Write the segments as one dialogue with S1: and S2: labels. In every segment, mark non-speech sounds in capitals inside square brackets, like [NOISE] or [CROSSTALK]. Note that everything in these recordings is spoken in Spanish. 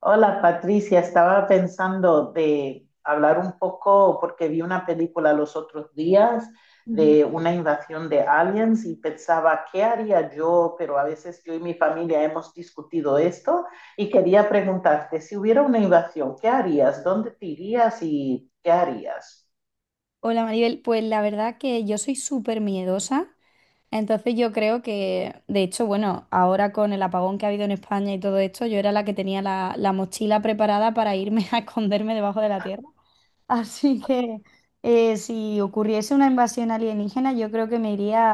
S1: Hola Patricia, estaba pensando de hablar un poco porque vi una película los otros días
S2: Ujú.
S1: de una invasión de aliens y pensaba, ¿qué haría yo? Pero a veces yo y mi familia hemos discutido esto y quería preguntarte, si hubiera una invasión, ¿qué harías? ¿Dónde te irías y qué harías?
S2: Hola Maribel, pues la verdad que yo soy súper miedosa, entonces yo creo que, de hecho, bueno, ahora con el apagón que ha habido en España y todo esto, yo era la que tenía la mochila preparada para irme [LAUGHS] a esconderme debajo de la tierra. Así que si ocurriese una invasión alienígena, yo creo que me iría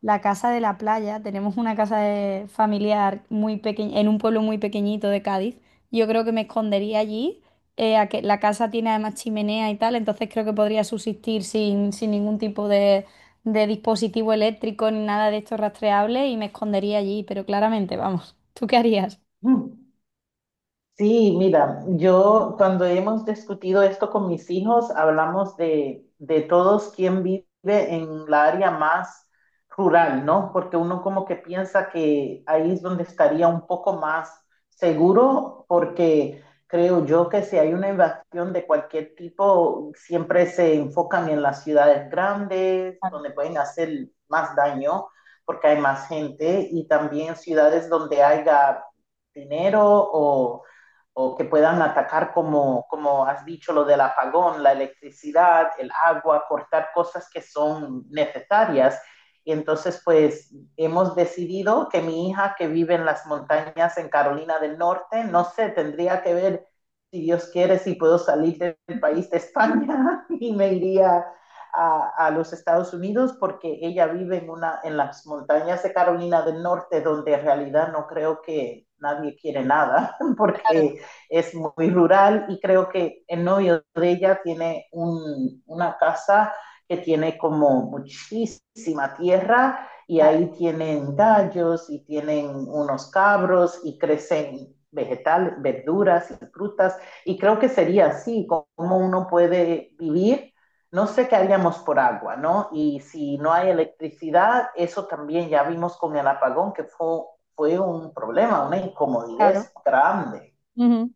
S2: la casa de la playa. Tenemos una familiar muy pequeña, en un pueblo muy pequeñito de Cádiz. Yo creo que me escondería allí. A que la casa tiene además chimenea y tal, entonces creo que podría subsistir sin ningún tipo de dispositivo eléctrico ni nada de esto rastreable y me escondería allí, pero claramente, vamos, ¿tú qué harías?
S1: Mm. Sí, mira, yo cuando hemos discutido esto con mis hijos, hablamos de todos quien vive en la área más rural, ¿no? Porque uno como que piensa que ahí es donde estaría un poco más seguro, porque creo yo que si hay una invasión de cualquier tipo, siempre se enfocan en las ciudades grandes, donde pueden hacer más daño, porque hay más gente, y también ciudades donde haya dinero o o que puedan atacar, como has dicho, lo del apagón, la electricidad, el agua, cortar cosas que son necesarias. Y entonces, pues hemos decidido que mi hija que vive en las montañas en Carolina del Norte, no sé, tendría que ver si Dios quiere, si puedo salir del país de España [LAUGHS] y me iría a los Estados Unidos porque ella vive en las montañas de Carolina del Norte donde en realidad no creo que nadie quiere nada [LAUGHS] porque es muy rural y creo que el novio de ella tiene una casa que tiene como muchísima tierra y ahí tienen gallos y tienen unos cabros y crecen vegetales, verduras y frutas y creo que sería así como uno puede vivir. No sé qué haríamos por agua, ¿no? Y si no hay electricidad, eso también ya vimos con el apagón que fue un problema, una incomodidad
S2: Claro.
S1: grande.
S2: Ujú.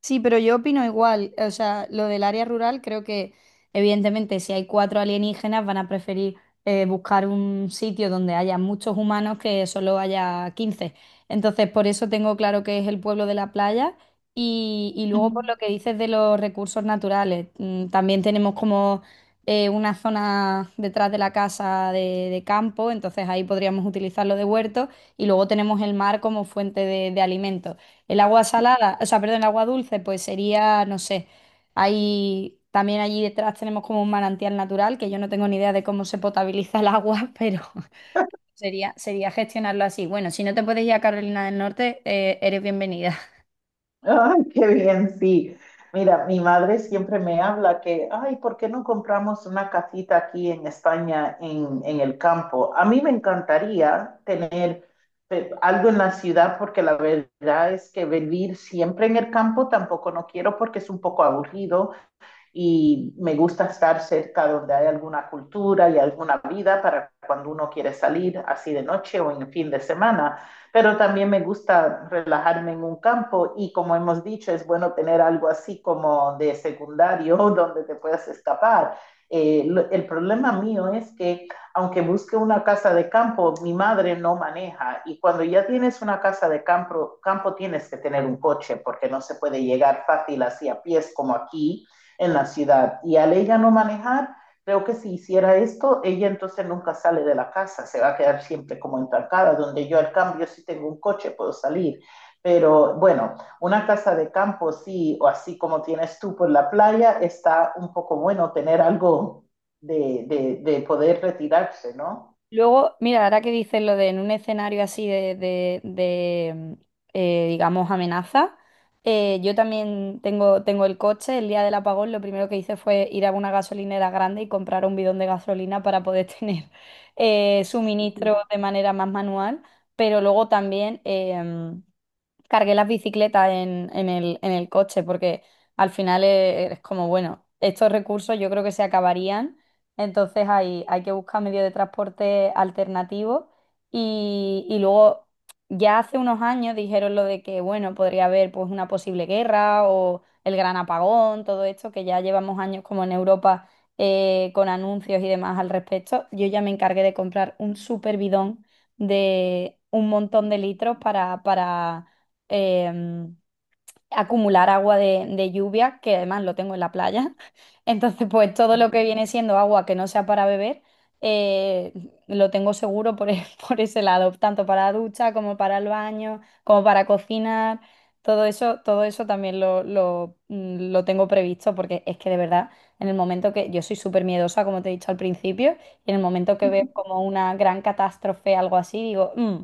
S2: Sí, pero yo opino igual. O sea, lo del área rural creo que evidentemente si hay cuatro alienígenas van a preferir buscar un sitio donde haya muchos humanos que solo haya 15. Entonces, por eso tengo claro que es el pueblo de la playa. Y luego por
S1: Mm-hmm.
S2: lo que dices de los recursos naturales, también tenemos como una zona detrás de la casa de campo, entonces ahí podríamos utilizarlo de huerto y luego tenemos el mar como fuente de alimento. El agua salada, o sea, perdón, el agua dulce, pues sería, no sé, hay, también allí detrás tenemos como un manantial natural, que yo no tengo ni idea de cómo se potabiliza el agua, [LAUGHS] pero sería gestionarlo así. Bueno, si no te puedes ir a Carolina del Norte, eres bienvenida.
S1: Ay, qué bien, sí. Mira, mi madre siempre me habla que, ay, ¿por qué no compramos una casita aquí en España, en el campo? A mí me encantaría tener algo en la ciudad porque la verdad es que vivir siempre en el campo tampoco no quiero porque es un poco aburrido y me gusta estar cerca donde hay alguna cultura y alguna vida para cuando uno quiere salir así de noche o en fin de semana, pero también me gusta relajarme en un campo y como hemos dicho, es bueno tener algo así como de secundario [LAUGHS] donde te puedas escapar. Eh, el problema mío es que aunque busque una casa de campo, mi madre no maneja y cuando ya tienes una casa de campo tienes que tener un coche porque no se puede llegar fácil así a pies como aquí en la ciudad. Y al ella no manejar, creo que si hiciera esto, ella entonces nunca sale de la casa, se va a quedar siempre como entancada, donde yo al cambio si tengo un coche puedo salir. Pero bueno, una casa de campo sí, o así como tienes tú por la playa, está un poco bueno tener algo de poder retirarse, ¿no?
S2: Luego, mira, ahora que dices lo de en un escenario así de, digamos, amenaza, yo también tengo el coche. El día del apagón lo primero que hice fue ir a una gasolinera grande y comprar un bidón de gasolina para poder [LAUGHS] tener suministro de manera más manual. Pero luego también... cargué las bicicletas en, en el coche, porque al final es, como, bueno, estos recursos yo creo que se acabarían, entonces hay que buscar medios de transporte alternativos y luego ya hace unos años dijeron lo de que, bueno, podría haber pues una posible guerra o el gran apagón, todo esto que ya llevamos años como en Europa. Con anuncios y demás al respecto, yo ya me encargué de comprar un super bidón de un montón de litros para, para eh, acumular agua de lluvia, que además lo tengo en la playa. [LAUGHS] Entonces, pues todo lo que viene siendo agua que no sea para beber, eh, lo tengo seguro por, [LAUGHS] por ese lado, tanto para la ducha como para el baño, como para cocinar. Todo eso también lo tengo previsto porque es que de verdad, en el momento que yo soy súper miedosa, como te he dicho al principio, y en el momento que veo como una gran catástrofe, algo así, digo, "Mm,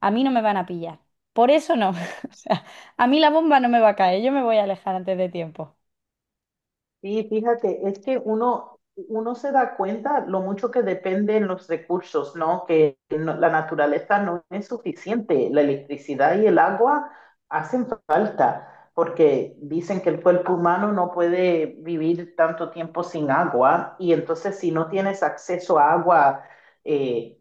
S2: a mí no me van a pillar. Por eso no." [LAUGHS] O sea, a mí la bomba no me va a caer, yo me voy a alejar antes de tiempo.
S1: Sí, fíjate, uno se da cuenta lo mucho que dependen los recursos, ¿no? Que no- la naturaleza no es suficiente. La electricidad y el agua hacen falta, porque dicen que el cuerpo humano no puede vivir tanto tiempo sin agua, y entonces si no tienes acceso a agua, eh,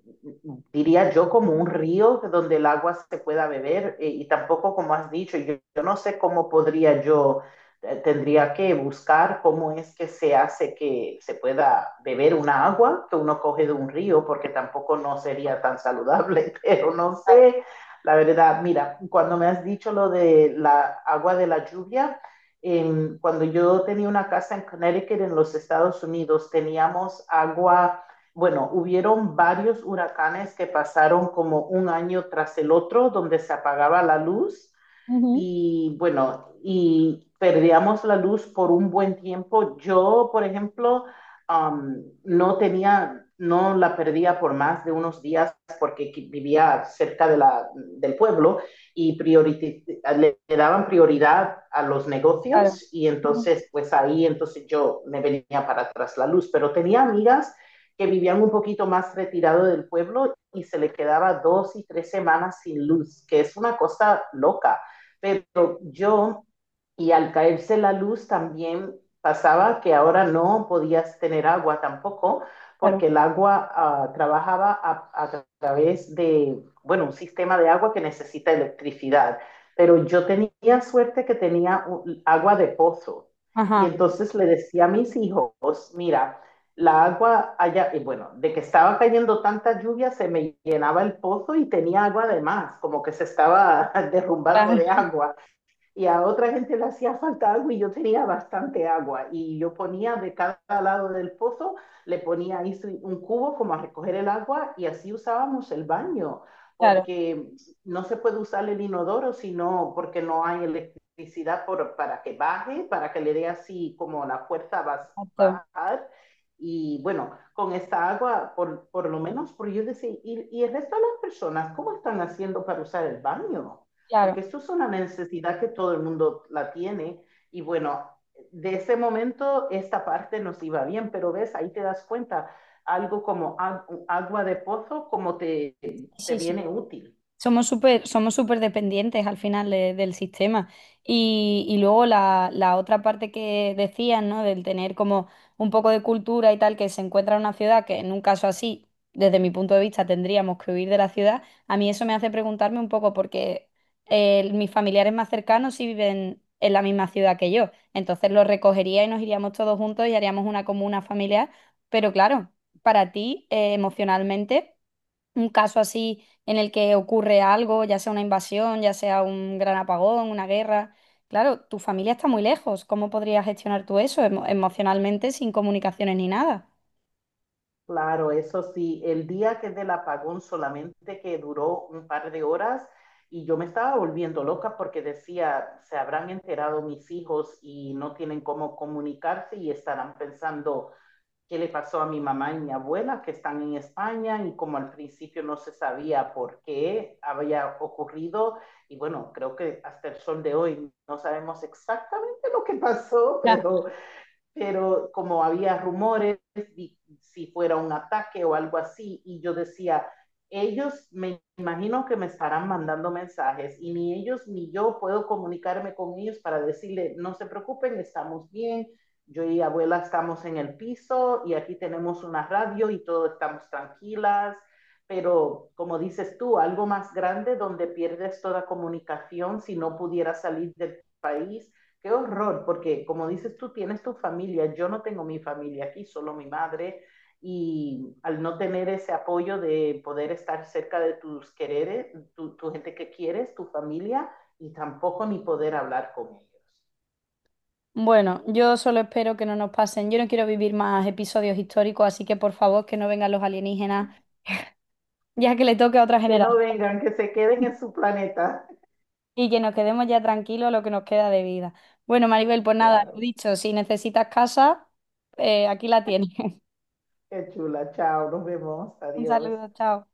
S1: diría yo como un río donde el agua se pueda beber, y tampoco como has dicho, yo no sé cómo podría yo, tendría que buscar cómo es que se hace que se pueda beber una agua que uno coge de un río, porque tampoco no sería tan saludable, [LAUGHS] pero no
S2: Claro,
S1: sé, la verdad, mira, cuando me has dicho lo de la agua de la lluvia, cuando yo tenía una casa en Connecticut, en los Estados Unidos, teníamos agua bueno, hubieron varios huracanes que pasaron como un año tras el otro, donde se apagaba la luz
S2: ujú,
S1: y bueno, y perdíamos la luz por un buen tiempo. Yo, por ejemplo, no no la perdía por más de unos días porque vivía cerca de del pueblo y le daban prioridad a los
S2: claro,
S1: negocios y
S2: ujú,
S1: entonces, pues ahí, entonces yo me venía para atrás la luz, pero tenía amigas que vivían un poquito más retirado del pueblo y se le quedaba dos y tres semanas sin luz, que es una cosa loca pero y al caerse la luz también pasaba que ahora no podías tener agua tampoco,
S2: claro,
S1: porque el agua trabajaba a través bueno, un sistema de agua que necesita electricidad. Pero yo tenía suerte que tenía agua de pozo. Y
S2: ajá,
S1: entonces le decía a mis hijos, mira, la agua allá, y bueno, de que estaba cayendo tanta lluvia, se me llenaba el pozo y tenía agua además, como que se estaba [LAUGHS] derrumbando de
S2: claro,
S1: agua y a otra gente le hacía falta agua y yo tenía bastante agua y yo ponía de cada lado del pozo, le ponía ahí sí, un cubo como a recoger el agua y así usábamos el baño,
S2: claro,
S1: porque no se puede usar el inodoro sino porque no hay electricidad para que baje, para que le dé así como la fuerza a
S2: exacto,
S1: bajar. Y bueno, con esta agua, por lo menos, por yo decir, y el resto de las personas, ¿cómo están haciendo para usar el baño?
S2: claro.
S1: Porque esto es una necesidad que todo el mundo la tiene. Y bueno, de ese momento esta parte nos iba bien, pero ves, ahí te das cuenta, algo como agua de pozo, te
S2: Sí, sí.
S1: viene útil.
S2: Somos súper dependientes al final del sistema. Y luego la otra parte que decían, ¿no? Del tener como un poco de cultura y tal, que se encuentra en una ciudad que en un caso así, desde mi punto de vista, tendríamos que huir de la ciudad. A mí eso me hace preguntarme un poco porque mis familiares más cercanos sí viven en la misma ciudad que yo. Entonces los recogería y nos iríamos todos juntos y haríamos una comuna familiar. Pero claro, para ti, emocionalmente un caso así en el que ocurre algo, ya sea una invasión, ya sea un gran apagón, una guerra. Claro, tu familia está muy lejos. ¿Cómo podrías gestionar tú eso emocionalmente sin comunicaciones ni nada?
S1: Claro, eso sí, el día que del apagón solamente que duró un par de horas y yo me estaba volviendo loca porque decía, se habrán enterado mis hijos y no tienen cómo comunicarse y estarán pensando, qué le pasó a mi mamá y mi abuela que están en España y como al principio no se sabía por qué había ocurrido y bueno, creo que hasta el sol de hoy no sabemos exactamente lo que pasó,
S2: Ya.
S1: pero como había rumores, y, si fuera un ataque o algo así, y yo decía, ellos me imagino que me estarán mandando mensajes y ni ellos ni yo puedo comunicarme con ellos para decirle, no se preocupen, estamos bien, yo y abuela estamos en el piso y aquí tenemos una radio y todos estamos tranquilas, pero como dices tú, algo más grande donde pierdes toda comunicación si no pudieras salir del país. Qué horror, porque como dices tú, tienes tu familia, yo no tengo mi familia aquí, solo mi madre, y al no tener ese apoyo de poder estar cerca de tus quereres, tu gente que quieres, tu familia, y tampoco ni poder hablar con ellos.
S2: Bueno, yo solo espero que no nos pasen. Yo no quiero vivir más episodios históricos, así que por favor que no vengan los alienígenas, ya que le toque a otra
S1: Que no
S2: generación
S1: vengan, que se queden en su planeta.
S2: y que nos quedemos ya tranquilos lo que nos queda de vida. Bueno, Maribel, pues nada, lo
S1: Claro,
S2: dicho, si necesitas casa, aquí la tienes. [LAUGHS]
S1: qué chula, chao, nos vemos,
S2: Un
S1: adiós.
S2: saludo, chao.